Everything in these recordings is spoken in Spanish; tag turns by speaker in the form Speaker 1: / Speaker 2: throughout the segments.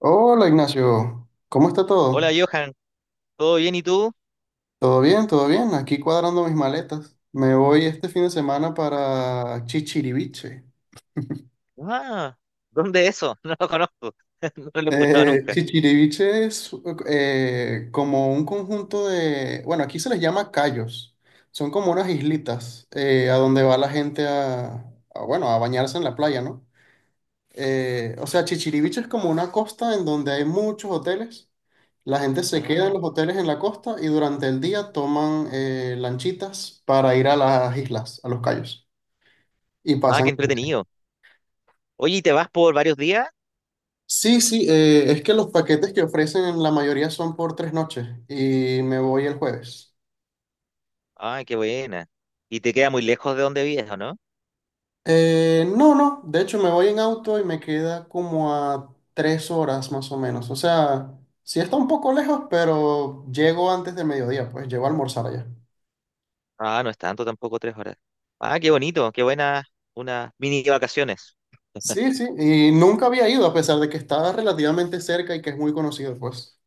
Speaker 1: Hola Ignacio, ¿cómo está
Speaker 2: Hola
Speaker 1: todo?
Speaker 2: Johan, ¿todo bien y tú?
Speaker 1: ¿Todo bien? ¿Todo bien? Aquí cuadrando mis maletas. Me voy este fin de semana para Chichiriviche.
Speaker 2: Ah, ¿dónde es eso? No lo conozco, no lo he escuchado nunca.
Speaker 1: Chichiriviche es como un conjunto de, bueno, aquí se les llama cayos. Son como unas islitas a donde va la gente a, bueno, a bañarse en la playa, ¿no? O sea, Chichiriviche es como una costa en donde hay muchos hoteles. La gente se queda
Speaker 2: Ah,
Speaker 1: en los hoteles en la costa y durante el día toman lanchitas para ir a las islas, a los cayos. Y
Speaker 2: ah,
Speaker 1: pasan.
Speaker 2: qué entretenido. Oye, ¿y te vas por varios días?
Speaker 1: Sí, sí, es que los paquetes que ofrecen en la mayoría son por 3 noches y me voy el jueves.
Speaker 2: Ah, qué buena. ¿Y te queda muy lejos de donde vives, o no?
Speaker 1: No, no, de hecho me voy en auto y me queda como a 3 horas más o menos. O sea, sí está un poco lejos, pero llego antes del mediodía, pues llego a almorzar allá.
Speaker 2: Ah, no es tanto tampoco, 3 horas. Ah, qué bonito, qué buena, unas mini vacaciones.
Speaker 1: Sí, sí, y nunca había ido a pesar de que estaba relativamente cerca y que es muy conocido, pues.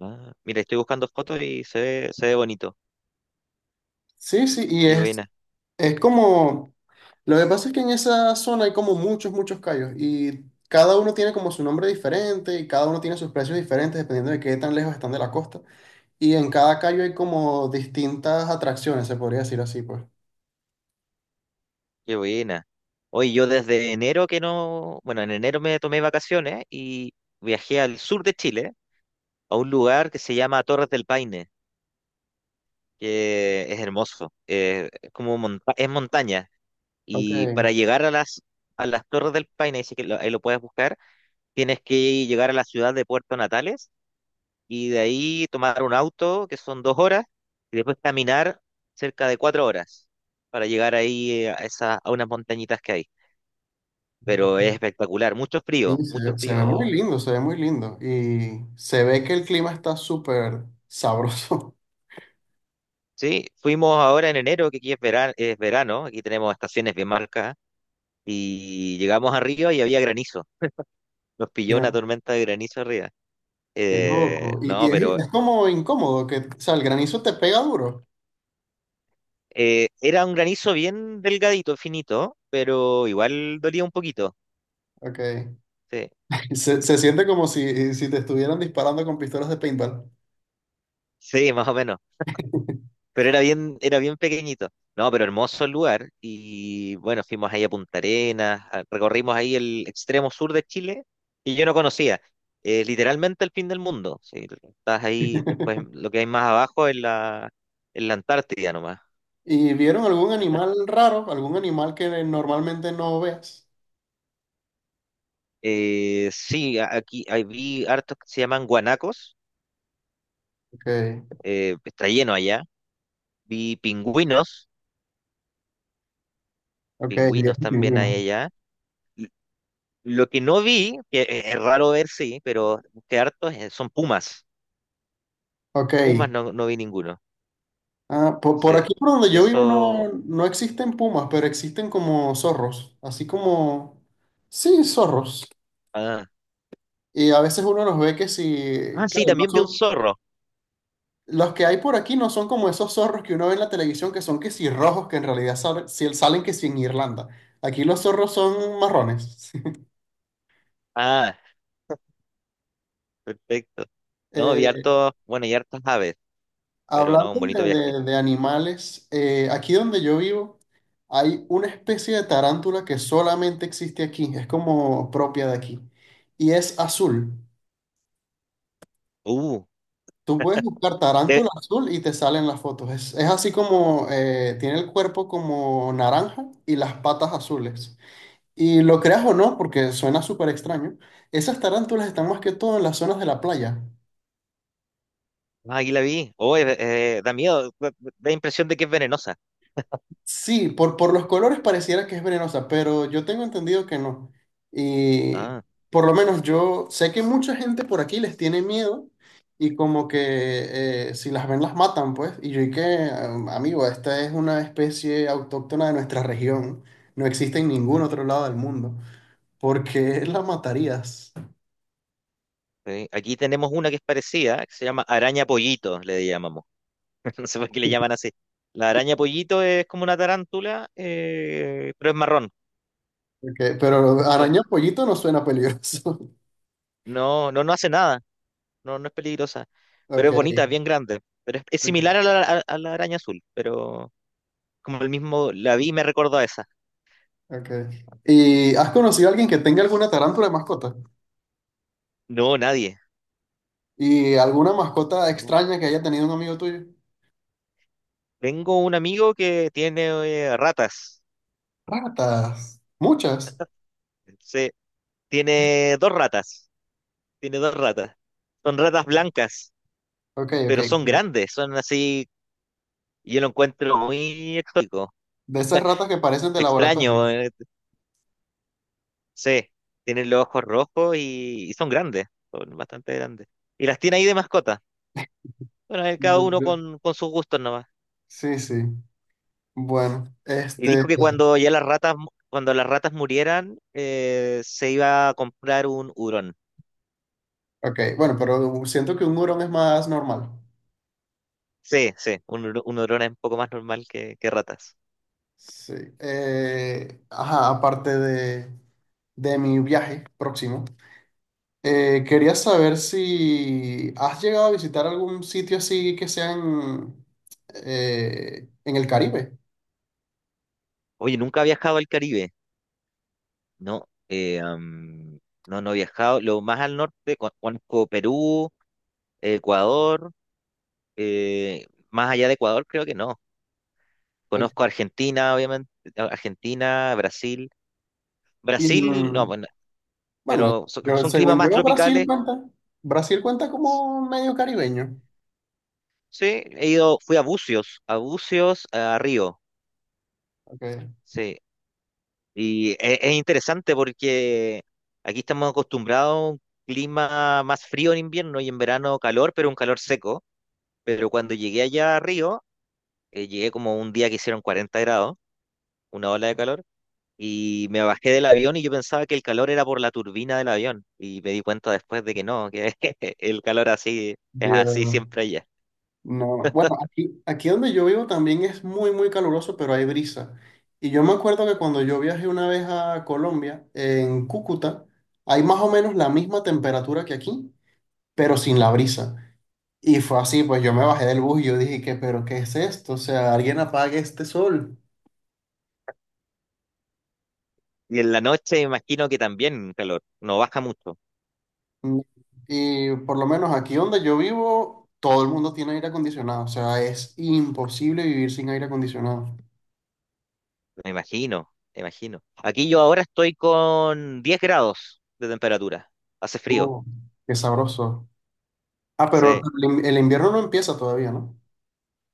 Speaker 2: Ah, mira, estoy buscando fotos y se ve bonito.
Speaker 1: Sí, sí, y
Speaker 2: Qué
Speaker 1: es,
Speaker 2: buena,
Speaker 1: es como, lo que pasa es que en esa zona hay como muchos, muchos callos y cada uno tiene como su nombre diferente y cada uno tiene sus precios diferentes dependiendo de qué tan lejos están de la costa. Y en cada callo hay como distintas atracciones, se podría decir así, pues.
Speaker 2: qué buena. Hoy yo desde enero que no, bueno, en enero me tomé vacaciones y viajé al sur de Chile, a un lugar que se llama Torres del Paine, que es hermoso. Es como es montaña.
Speaker 1: Ok.
Speaker 2: Y para llegar a las Torres del Paine, dice que ahí lo puedes buscar, tienes que llegar a la ciudad de Puerto Natales y de ahí tomar un auto, que son 2 horas, y después caminar cerca de 4 horas para llegar ahí, a, a unas montañitas que hay. Pero es espectacular, mucho
Speaker 1: Sí,
Speaker 2: frío, mucho
Speaker 1: se ve muy
Speaker 2: frío.
Speaker 1: lindo, se ve muy lindo. Y se ve que el clima está súper sabroso.
Speaker 2: Sí, fuimos ahora en enero, que aquí es verano, es verano. Aquí tenemos estaciones bien marcadas, y llegamos arriba y había granizo. Nos pilló una tormenta de granizo arriba.
Speaker 1: Qué loco. Y
Speaker 2: No,
Speaker 1: es,
Speaker 2: pero
Speaker 1: es como incómodo, que, o sea, el granizo te pega duro.
Speaker 2: era un granizo bien delgadito, finito, pero igual dolía un poquito.
Speaker 1: Ok.
Speaker 2: Sí,
Speaker 1: Se siente como si te estuvieran disparando con pistolas de paintball.
Speaker 2: sí, más o menos. Pero era bien pequeñito. No, pero hermoso el lugar. Y bueno, fuimos ahí a Punta Arenas, recorrimos ahí el extremo sur de Chile y yo no conocía. Literalmente el fin del mundo. Sí, estás ahí, después lo que hay más abajo es la Antártida nomás.
Speaker 1: ¿Y vieron algún animal raro? ¿Algún animal que normalmente no veas?
Speaker 2: Sí, aquí ahí vi hartos que se llaman guanacos.
Speaker 1: Ok,
Speaker 2: Está lleno allá. Vi pingüinos,
Speaker 1: ok, bien
Speaker 2: pingüinos
Speaker 1: te
Speaker 2: también hay
Speaker 1: imagino.
Speaker 2: allá. L- Lo que no vi, que es raro ver, sí, pero que hartos, son pumas.
Speaker 1: Ok.
Speaker 2: Pumas no, no vi ninguno.
Speaker 1: Ah, por,
Speaker 2: Sí,
Speaker 1: aquí por donde yo vivo no,
Speaker 2: eso.
Speaker 1: no existen pumas, pero existen como zorros. Así como, sí, zorros.
Speaker 2: Ah.
Speaker 1: Y a veces uno los ve que
Speaker 2: Ah,
Speaker 1: si,
Speaker 2: sí,
Speaker 1: claro, no
Speaker 2: también vi un
Speaker 1: son.
Speaker 2: zorro.
Speaker 1: Los que hay por aquí no son como esos zorros que uno ve en la televisión que son que si rojos, que en realidad salen que si en Irlanda. Aquí los zorros son marrones.
Speaker 2: Ah, perfecto. No, vi
Speaker 1: Eh,
Speaker 2: hartos, bueno, y hartas aves, pero no, un
Speaker 1: Hablando
Speaker 2: bonito
Speaker 1: de,
Speaker 2: viaje.
Speaker 1: de animales, aquí donde yo vivo hay una especie de tarántula que solamente existe aquí, es como propia de aquí, y es azul.
Speaker 2: Uh,
Speaker 1: Tú puedes buscar
Speaker 2: eh,
Speaker 1: tarántula azul y te salen las fotos. Es así como tiene el cuerpo como naranja y las patas azules. Y lo creas o no, porque suena súper extraño, esas tarántulas están más que todo en las zonas de la playa.
Speaker 2: ah, aquí la vi. Oh, da miedo, da impresión de que es venenosa.
Speaker 1: Sí, por los colores pareciera que es venenosa, pero yo tengo entendido que no. Y
Speaker 2: Ah.
Speaker 1: por lo menos yo sé que mucha gente por aquí les tiene miedo y como que si las ven las matan, pues. Y yo y que, amigo, esta es una especie autóctona de nuestra región. No existe en ningún otro lado del mundo. ¿Por qué la matarías?
Speaker 2: ¿Sí? Aquí tenemos una que es parecida, que se llama araña pollito, le llamamos. No sé por qué le llaman así. La araña pollito es como una tarántula, pero es marrón.
Speaker 1: Pero
Speaker 2: Sí.
Speaker 1: araña pollito no suena peligroso.
Speaker 2: No, no, no hace nada, no, no es peligrosa, pero
Speaker 1: Ok,
Speaker 2: es bonita, es bien grande. Pero es
Speaker 1: ok,
Speaker 2: similar a la, a la araña azul, pero como el mismo, la vi y me recordó a esa.
Speaker 1: ok. ¿Y has conocido a alguien que tenga alguna tarántula de mascota?
Speaker 2: No, nadie.
Speaker 1: ¿Y alguna mascota
Speaker 2: No.
Speaker 1: extraña que haya tenido un amigo tuyo?
Speaker 2: Tengo un amigo que tiene, ratas.
Speaker 1: Ratas, muchas.
Speaker 2: Se, Tiene dos ratas. Tiene dos ratas. Son ratas blancas,
Speaker 1: Ok, ok.
Speaker 2: pero son grandes, son así. Y yo lo encuentro muy exótico,
Speaker 1: De esas ratas que parecen de laboratorio.
Speaker 2: extraño. Sí, tienen los ojos rojos y son grandes, son bastante grandes. Y las tiene ahí de mascota. Bueno, cada uno
Speaker 1: De-
Speaker 2: con, sus gustos nomás.
Speaker 1: Sí, sí. Bueno,
Speaker 2: Y
Speaker 1: este,
Speaker 2: dijo que cuando ya las ratas, cuando las ratas murieran, se iba a comprar un hurón.
Speaker 1: ok, bueno, pero siento que un hurón es más normal.
Speaker 2: Sí, sí, un hurón es un poco más normal que ratas.
Speaker 1: Sí. Ajá, aparte de mi viaje próximo. Quería saber si has llegado a visitar algún sitio así que sea en el Caribe.
Speaker 2: Oye, nunca ha viajado al Caribe. No, no, no he viajado. Lo más al norte, conozco Perú, Ecuador. eh, Más allá de Ecuador, creo que no. Conozco Argentina, obviamente, Argentina, Brasil.
Speaker 1: Y
Speaker 2: Brasil, no,
Speaker 1: en-
Speaker 2: bueno,
Speaker 1: bueno,
Speaker 2: pero son,
Speaker 1: yo,
Speaker 2: son climas
Speaker 1: según
Speaker 2: más
Speaker 1: yo, Brasil
Speaker 2: tropicales.
Speaker 1: cuenta. Brasil cuenta
Speaker 2: S-
Speaker 1: como medio caribeño.
Speaker 2: Sí, he ido, fui a Bucios, a Río.
Speaker 1: Okay.
Speaker 2: Sí, y es, interesante porque aquí estamos acostumbrados a un clima más frío en invierno y en verano calor, pero un calor seco. Pero cuando llegué allá a Río, llegué como un día que hicieron 40 grados, una ola de calor. Y me bajé del avión y yo pensaba que el calor era por la turbina del avión. Y me di cuenta después de que no, que el calor así es así
Speaker 1: Dios,
Speaker 2: siempre allá.
Speaker 1: no. Bueno, aquí donde yo vivo también es muy, muy caluroso, pero hay brisa. Y yo me acuerdo que cuando yo viajé una vez a Colombia, en Cúcuta, hay más o menos la misma temperatura que aquí, pero sin la brisa. Y fue así, pues yo me bajé del bus y yo dije que, pero ¿qué es esto? O sea, alguien apague este sol.
Speaker 2: Y en la noche imagino que también calor, no baja mucho,
Speaker 1: Mm, Y por lo menos aquí donde yo vivo, todo el mundo tiene aire acondicionado. O sea, es imposible vivir sin aire acondicionado.
Speaker 2: me imagino, me imagino. Aquí yo ahora estoy con 10 grados de temperatura, hace frío,
Speaker 1: Uh, Qué sabroso. Ah, pero
Speaker 2: sí.
Speaker 1: el invierno no empieza todavía, ¿no?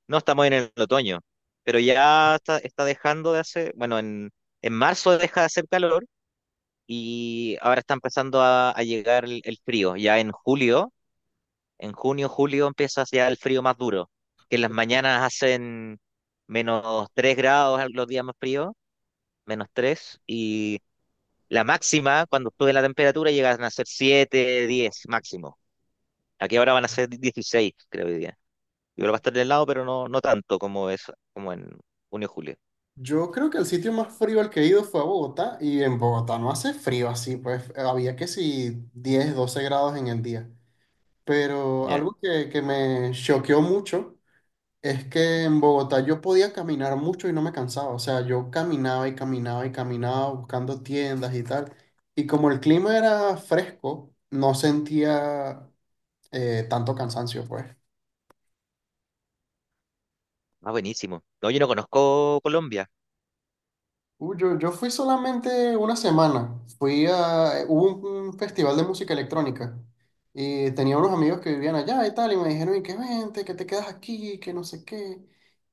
Speaker 2: No estamos en el otoño, pero ya está dejando de hacer, bueno, en marzo deja de hacer calor y ahora está empezando a llegar el frío. Ya en julio. En junio, julio empieza ya el frío más duro, que en las mañanas hacen -3 grados los días más fríos, -3, y la máxima, cuando sube la temperatura, llegan a ser 7 10 máximo. Aquí ahora van a ser 16, creo, hoy día. Igual va a estar de helado, pero no, no tanto como es, como en junio, julio.
Speaker 1: Yo creo que el sitio más frío al que he ido fue a Bogotá y en Bogotá no hace frío así, pues había que si 10 12 grados en el día. Pero
Speaker 2: Ya.
Speaker 1: algo que me choqueó mucho. Es que en Bogotá yo podía caminar mucho y no me cansaba. O sea, yo caminaba y caminaba y caminaba buscando tiendas y tal. Y como el clima era fresco, no sentía tanto cansancio, pues.
Speaker 2: Ah, buenísimo. No, yo no conozco Colombia.
Speaker 1: Yo fui solamente una semana. Fui Hubo un festival de música electrónica. Y tenía unos amigos que vivían allá y tal. Y me dijeron, y que vente, que te quedas aquí, que no sé qué.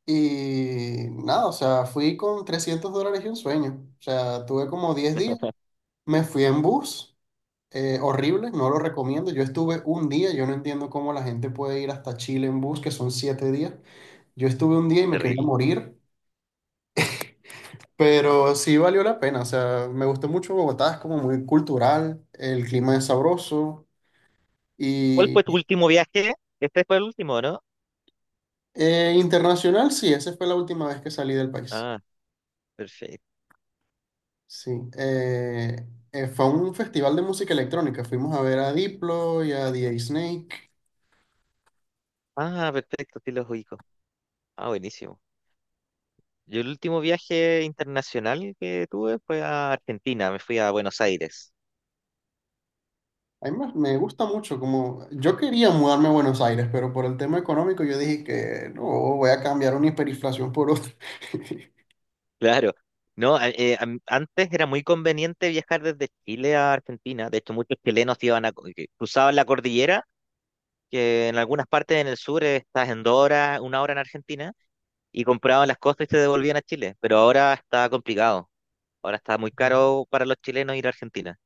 Speaker 1: Y nada, o sea, fui con $300 y un sueño. O sea, tuve como 10 días. Me fui en bus, horrible, no lo recomiendo. Yo estuve un día, yo no entiendo cómo la gente puede ir hasta Chile en bus, que son 7 días. Yo estuve un día y me quería
Speaker 2: Terrible.
Speaker 1: morir, pero sí valió la pena. O sea, me gustó mucho Bogotá, es como muy cultural, el clima es sabroso
Speaker 2: ¿Cuál
Speaker 1: y
Speaker 2: fue tu último viaje? Este fue el último, ¿no?
Speaker 1: internacional, sí, esa fue la última vez que salí del país.
Speaker 2: Ah, perfecto.
Speaker 1: Sí, eh, fue un festival de música electrónica. Fuimos a ver a Diplo y a The Snake.
Speaker 2: Ah, perfecto, sí los ubico. Ah, buenísimo. Yo el último viaje internacional que tuve fue a Argentina, me fui a Buenos Aires.
Speaker 1: A mí me gusta mucho, como yo quería mudarme a Buenos Aires, pero por el tema económico yo dije que no, voy a cambiar una hiperinflación por otra.
Speaker 2: Claro. No, antes era muy conveniente viajar desde Chile a Argentina. De hecho, muchos chilenos iban que cruzaban la cordillera, que en algunas partes en el sur, estás en 2 horas, 1 hora en Argentina, y compraban las cosas y se devolvían a Chile. Pero ahora está complicado. Ahora está muy caro para los chilenos ir a Argentina.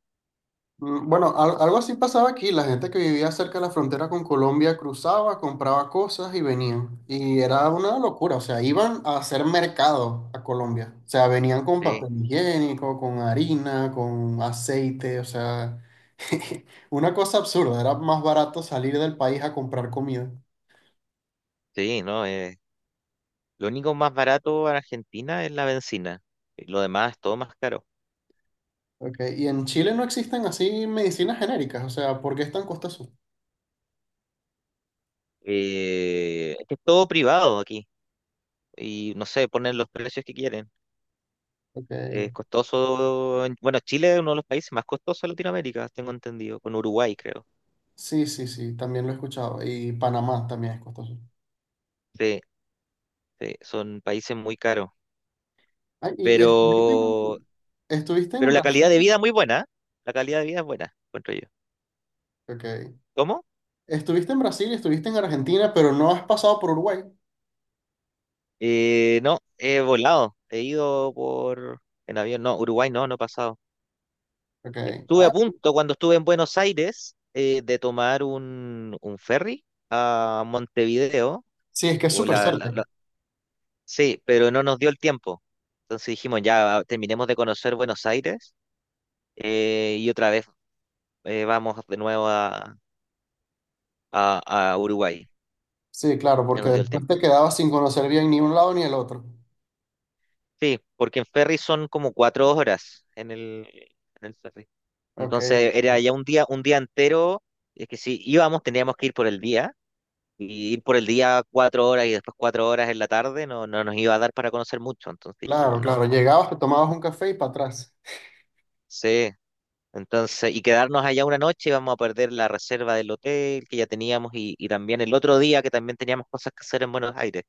Speaker 1: Bueno, algo así pasaba aquí. La gente que vivía cerca de la frontera con Colombia cruzaba, compraba cosas y venían. Y era una locura. O sea, iban a hacer mercado a Colombia. O sea, venían con
Speaker 2: Sí,
Speaker 1: papel higiénico, con harina, con aceite. O sea, una cosa absurda. Era más barato salir del país a comprar comida.
Speaker 2: sí, no. Lo único más barato en Argentina es la bencina. Lo demás es todo más caro.
Speaker 1: Ok, y en Chile no existen así medicinas genéricas, o sea, ¿por qué es tan costoso?
Speaker 2: Es que es todo privado aquí y no sé, ponen los precios que quieren.
Speaker 1: Ok,
Speaker 2: Es costoso. Bueno, Chile es uno de los países más costosos de Latinoamérica, tengo entendido, con Uruguay, creo.
Speaker 1: sí, sí, sí, también lo he escuchado. Y Panamá también es costoso.
Speaker 2: Sí, sí, son países muy caros.
Speaker 1: Ay, y
Speaker 2: Pero,
Speaker 1: estuviste en
Speaker 2: pero la calidad
Speaker 1: Brasil,
Speaker 2: de vida es muy buena. ¿Eh? La calidad de vida es buena, encuentro yo.
Speaker 1: ok.
Speaker 2: ¿Cómo?
Speaker 1: Estuviste en Brasil y estuviste en Argentina, pero no has pasado por Uruguay,
Speaker 2: No, he volado. He ido por en avión. No, Uruguay no, no he pasado.
Speaker 1: ok.
Speaker 2: Estuve
Speaker 1: Ah,
Speaker 2: a punto cuando estuve en Buenos Aires, de tomar un, ferry a Montevideo.
Speaker 1: sí, es que es
Speaker 2: O
Speaker 1: súper
Speaker 2: la-
Speaker 1: cerca.
Speaker 2: la- Sí, pero no nos dio el tiempo. Entonces dijimos, ya ah, terminemos de conocer Buenos Aires, y otra vez, vamos de nuevo a, a Uruguay.
Speaker 1: Sí, claro,
Speaker 2: No
Speaker 1: porque
Speaker 2: nos dio el
Speaker 1: después
Speaker 2: tiempo.
Speaker 1: te quedabas sin conocer bien ni un lado ni el otro.
Speaker 2: Sí, porque en ferry son como 4 horas en el ferry.
Speaker 1: Ok,
Speaker 2: Entonces era ya un día entero. Es que si íbamos, teníamos que ir por el día. Y ir por el día 4 horas y después 4 horas en la tarde no, no nos iba a dar para conocer mucho. Entonces dijimos,
Speaker 1: claro,
Speaker 2: no.
Speaker 1: claro, llegabas, te tomabas un café y para atrás.
Speaker 2: Sí. Entonces, y quedarnos allá una noche, íbamos a perder la reserva del hotel que ya teníamos, y también el otro día que también teníamos cosas que hacer en Buenos Aires.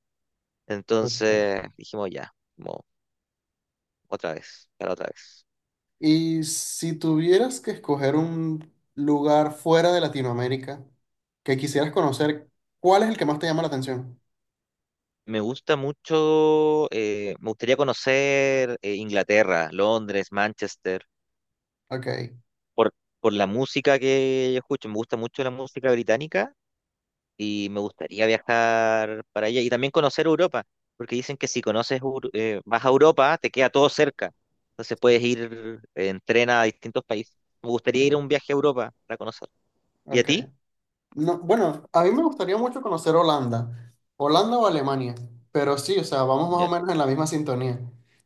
Speaker 1: Ok.
Speaker 2: Entonces dijimos ya, como otra vez, para otra vez.
Speaker 1: Y si tuvieras que escoger un lugar fuera de Latinoamérica que quisieras conocer, ¿cuál es el que más te llama la atención?
Speaker 2: Me gusta mucho, me gustaría conocer, Inglaterra, Londres, Manchester,
Speaker 1: Ok,
Speaker 2: por, por la música que yo escucho. Me gusta mucho la música británica y me gustaría viajar para allá y también conocer Europa, porque dicen que si conoces, vas a Europa, te queda todo cerca. Entonces puedes ir en tren a distintos países. Me gustaría ir a un viaje a Europa para conocer. ¿Y a
Speaker 1: ok.
Speaker 2: ti?
Speaker 1: No, bueno, a mí me gustaría mucho conocer Holanda, Holanda o Alemania, pero sí, o sea, vamos más o
Speaker 2: Ya.
Speaker 1: menos en la misma sintonía.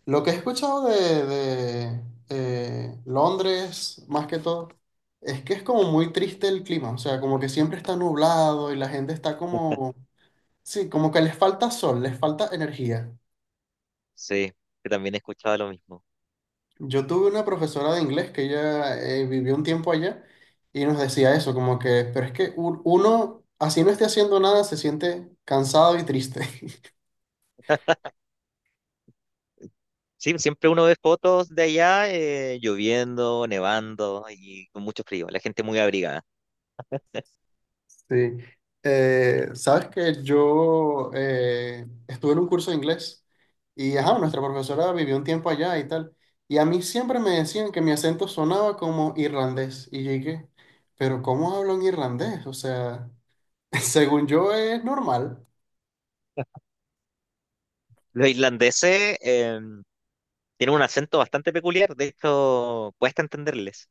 Speaker 1: Lo que he escuchado de, Londres, más que todo, es que es como muy triste el clima, o sea, como que siempre está nublado y la gente está como, sí, como que les falta sol, les falta energía.
Speaker 2: Sí, que también he escuchado lo mismo.
Speaker 1: Yo tuve una profesora de inglés que ella vivió un tiempo allá y nos decía eso, como que, pero es que uno, así no esté haciendo nada, se siente cansado y triste.
Speaker 2: Sí, siempre uno ve fotos de allá, lloviendo, nevando y con mucho frío. La gente muy abrigada.
Speaker 1: Sí. Sabes que yo estuve en un curso de inglés y ajá, nuestra profesora vivió un tiempo allá y tal. Y a mí siempre me decían que mi acento sonaba como irlandés. Y yo, pero ¿cómo hablo en irlandés? O sea, según yo es normal.
Speaker 2: Los irlandeses, tienen un acento bastante peculiar, de hecho, cuesta entenderles,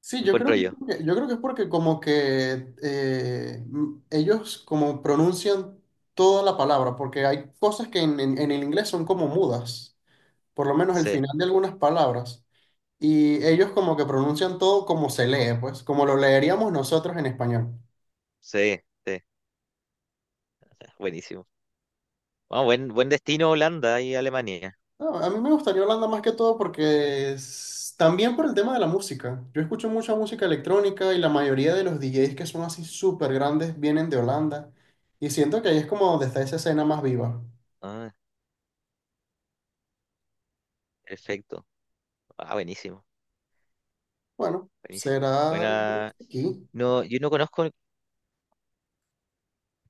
Speaker 1: Sí,
Speaker 2: encuentro yo.
Speaker 1: yo creo que es porque como que ellos como pronuncian toda la palabra, porque hay cosas que en el inglés son como mudas, por lo menos el
Speaker 2: Sí,
Speaker 1: final de algunas palabras, y ellos como que pronuncian todo como se lee, pues, como lo leeríamos nosotros en español.
Speaker 2: sí, sí. Ah, buenísimo. Ah, buen destino Holanda y Alemania.
Speaker 1: No, a mí me gustaría Holanda más que todo porque también por el tema de la música. Yo escucho mucha música electrónica y la mayoría de los DJs que son así súper grandes vienen de Holanda. Y siento que ahí es como donde está esa escena más viva.
Speaker 2: Ah, perfecto. Ah, buenísimo,
Speaker 1: Bueno,
Speaker 2: buenísimo.
Speaker 1: será dejarlo
Speaker 2: Buena.
Speaker 1: hasta aquí.
Speaker 2: No, yo no conozco,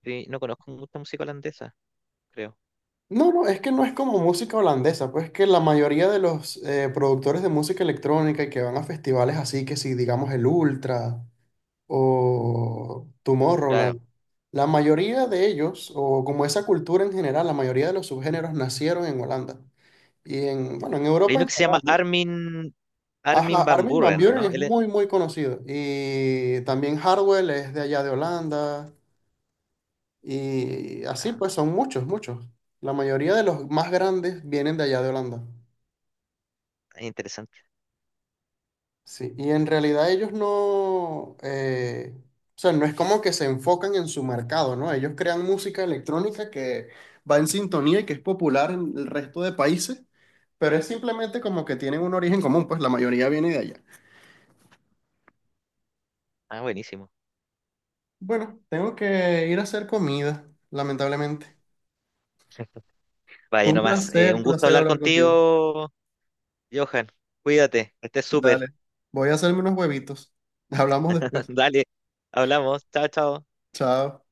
Speaker 2: eh, no conozco mucha música holandesa, creo.
Speaker 1: No, no, es que no es como música holandesa, pues que la mayoría de los productores de música electrónica y que van a festivales así, que si digamos el Ultra o
Speaker 2: Claro.
Speaker 1: Tomorrowland, la mayoría de ellos, o como esa cultura en general, la mayoría de los subgéneros nacieron en Holanda y bueno, en
Speaker 2: Hay
Speaker 1: Europa
Speaker 2: uno
Speaker 1: en
Speaker 2: que se
Speaker 1: general,
Speaker 2: llama
Speaker 1: ¿no?
Speaker 2: Armin,
Speaker 1: Ajá,
Speaker 2: Armin van
Speaker 1: Armin van
Speaker 2: Buuren,
Speaker 1: Buuren
Speaker 2: ¿no?
Speaker 1: es
Speaker 2: Él es,
Speaker 1: muy, muy conocido y también Hardwell es de allá de Holanda y así
Speaker 2: ah,
Speaker 1: pues son muchos, muchos. La mayoría de los más grandes vienen de allá de Holanda.
Speaker 2: es interesante.
Speaker 1: Sí, y en realidad ellos no, o sea, no es como que se enfocan en su mercado, ¿no? Ellos crean música electrónica que va en sintonía y que es popular en el resto de países, pero es simplemente como que tienen un origen común, pues la mayoría viene de allá.
Speaker 2: Ah, buenísimo.
Speaker 1: Bueno, tengo que ir a hacer comida, lamentablemente. Fue
Speaker 2: Vaya
Speaker 1: un
Speaker 2: nomás.
Speaker 1: placer,
Speaker 2: Un gusto
Speaker 1: placer
Speaker 2: hablar
Speaker 1: hablar contigo.
Speaker 2: contigo, Johan. Cuídate, que estés súper.
Speaker 1: Dale, voy a hacerme unos huevitos. Hablamos después.
Speaker 2: Dale, hablamos. Chao, chao.
Speaker 1: Chao.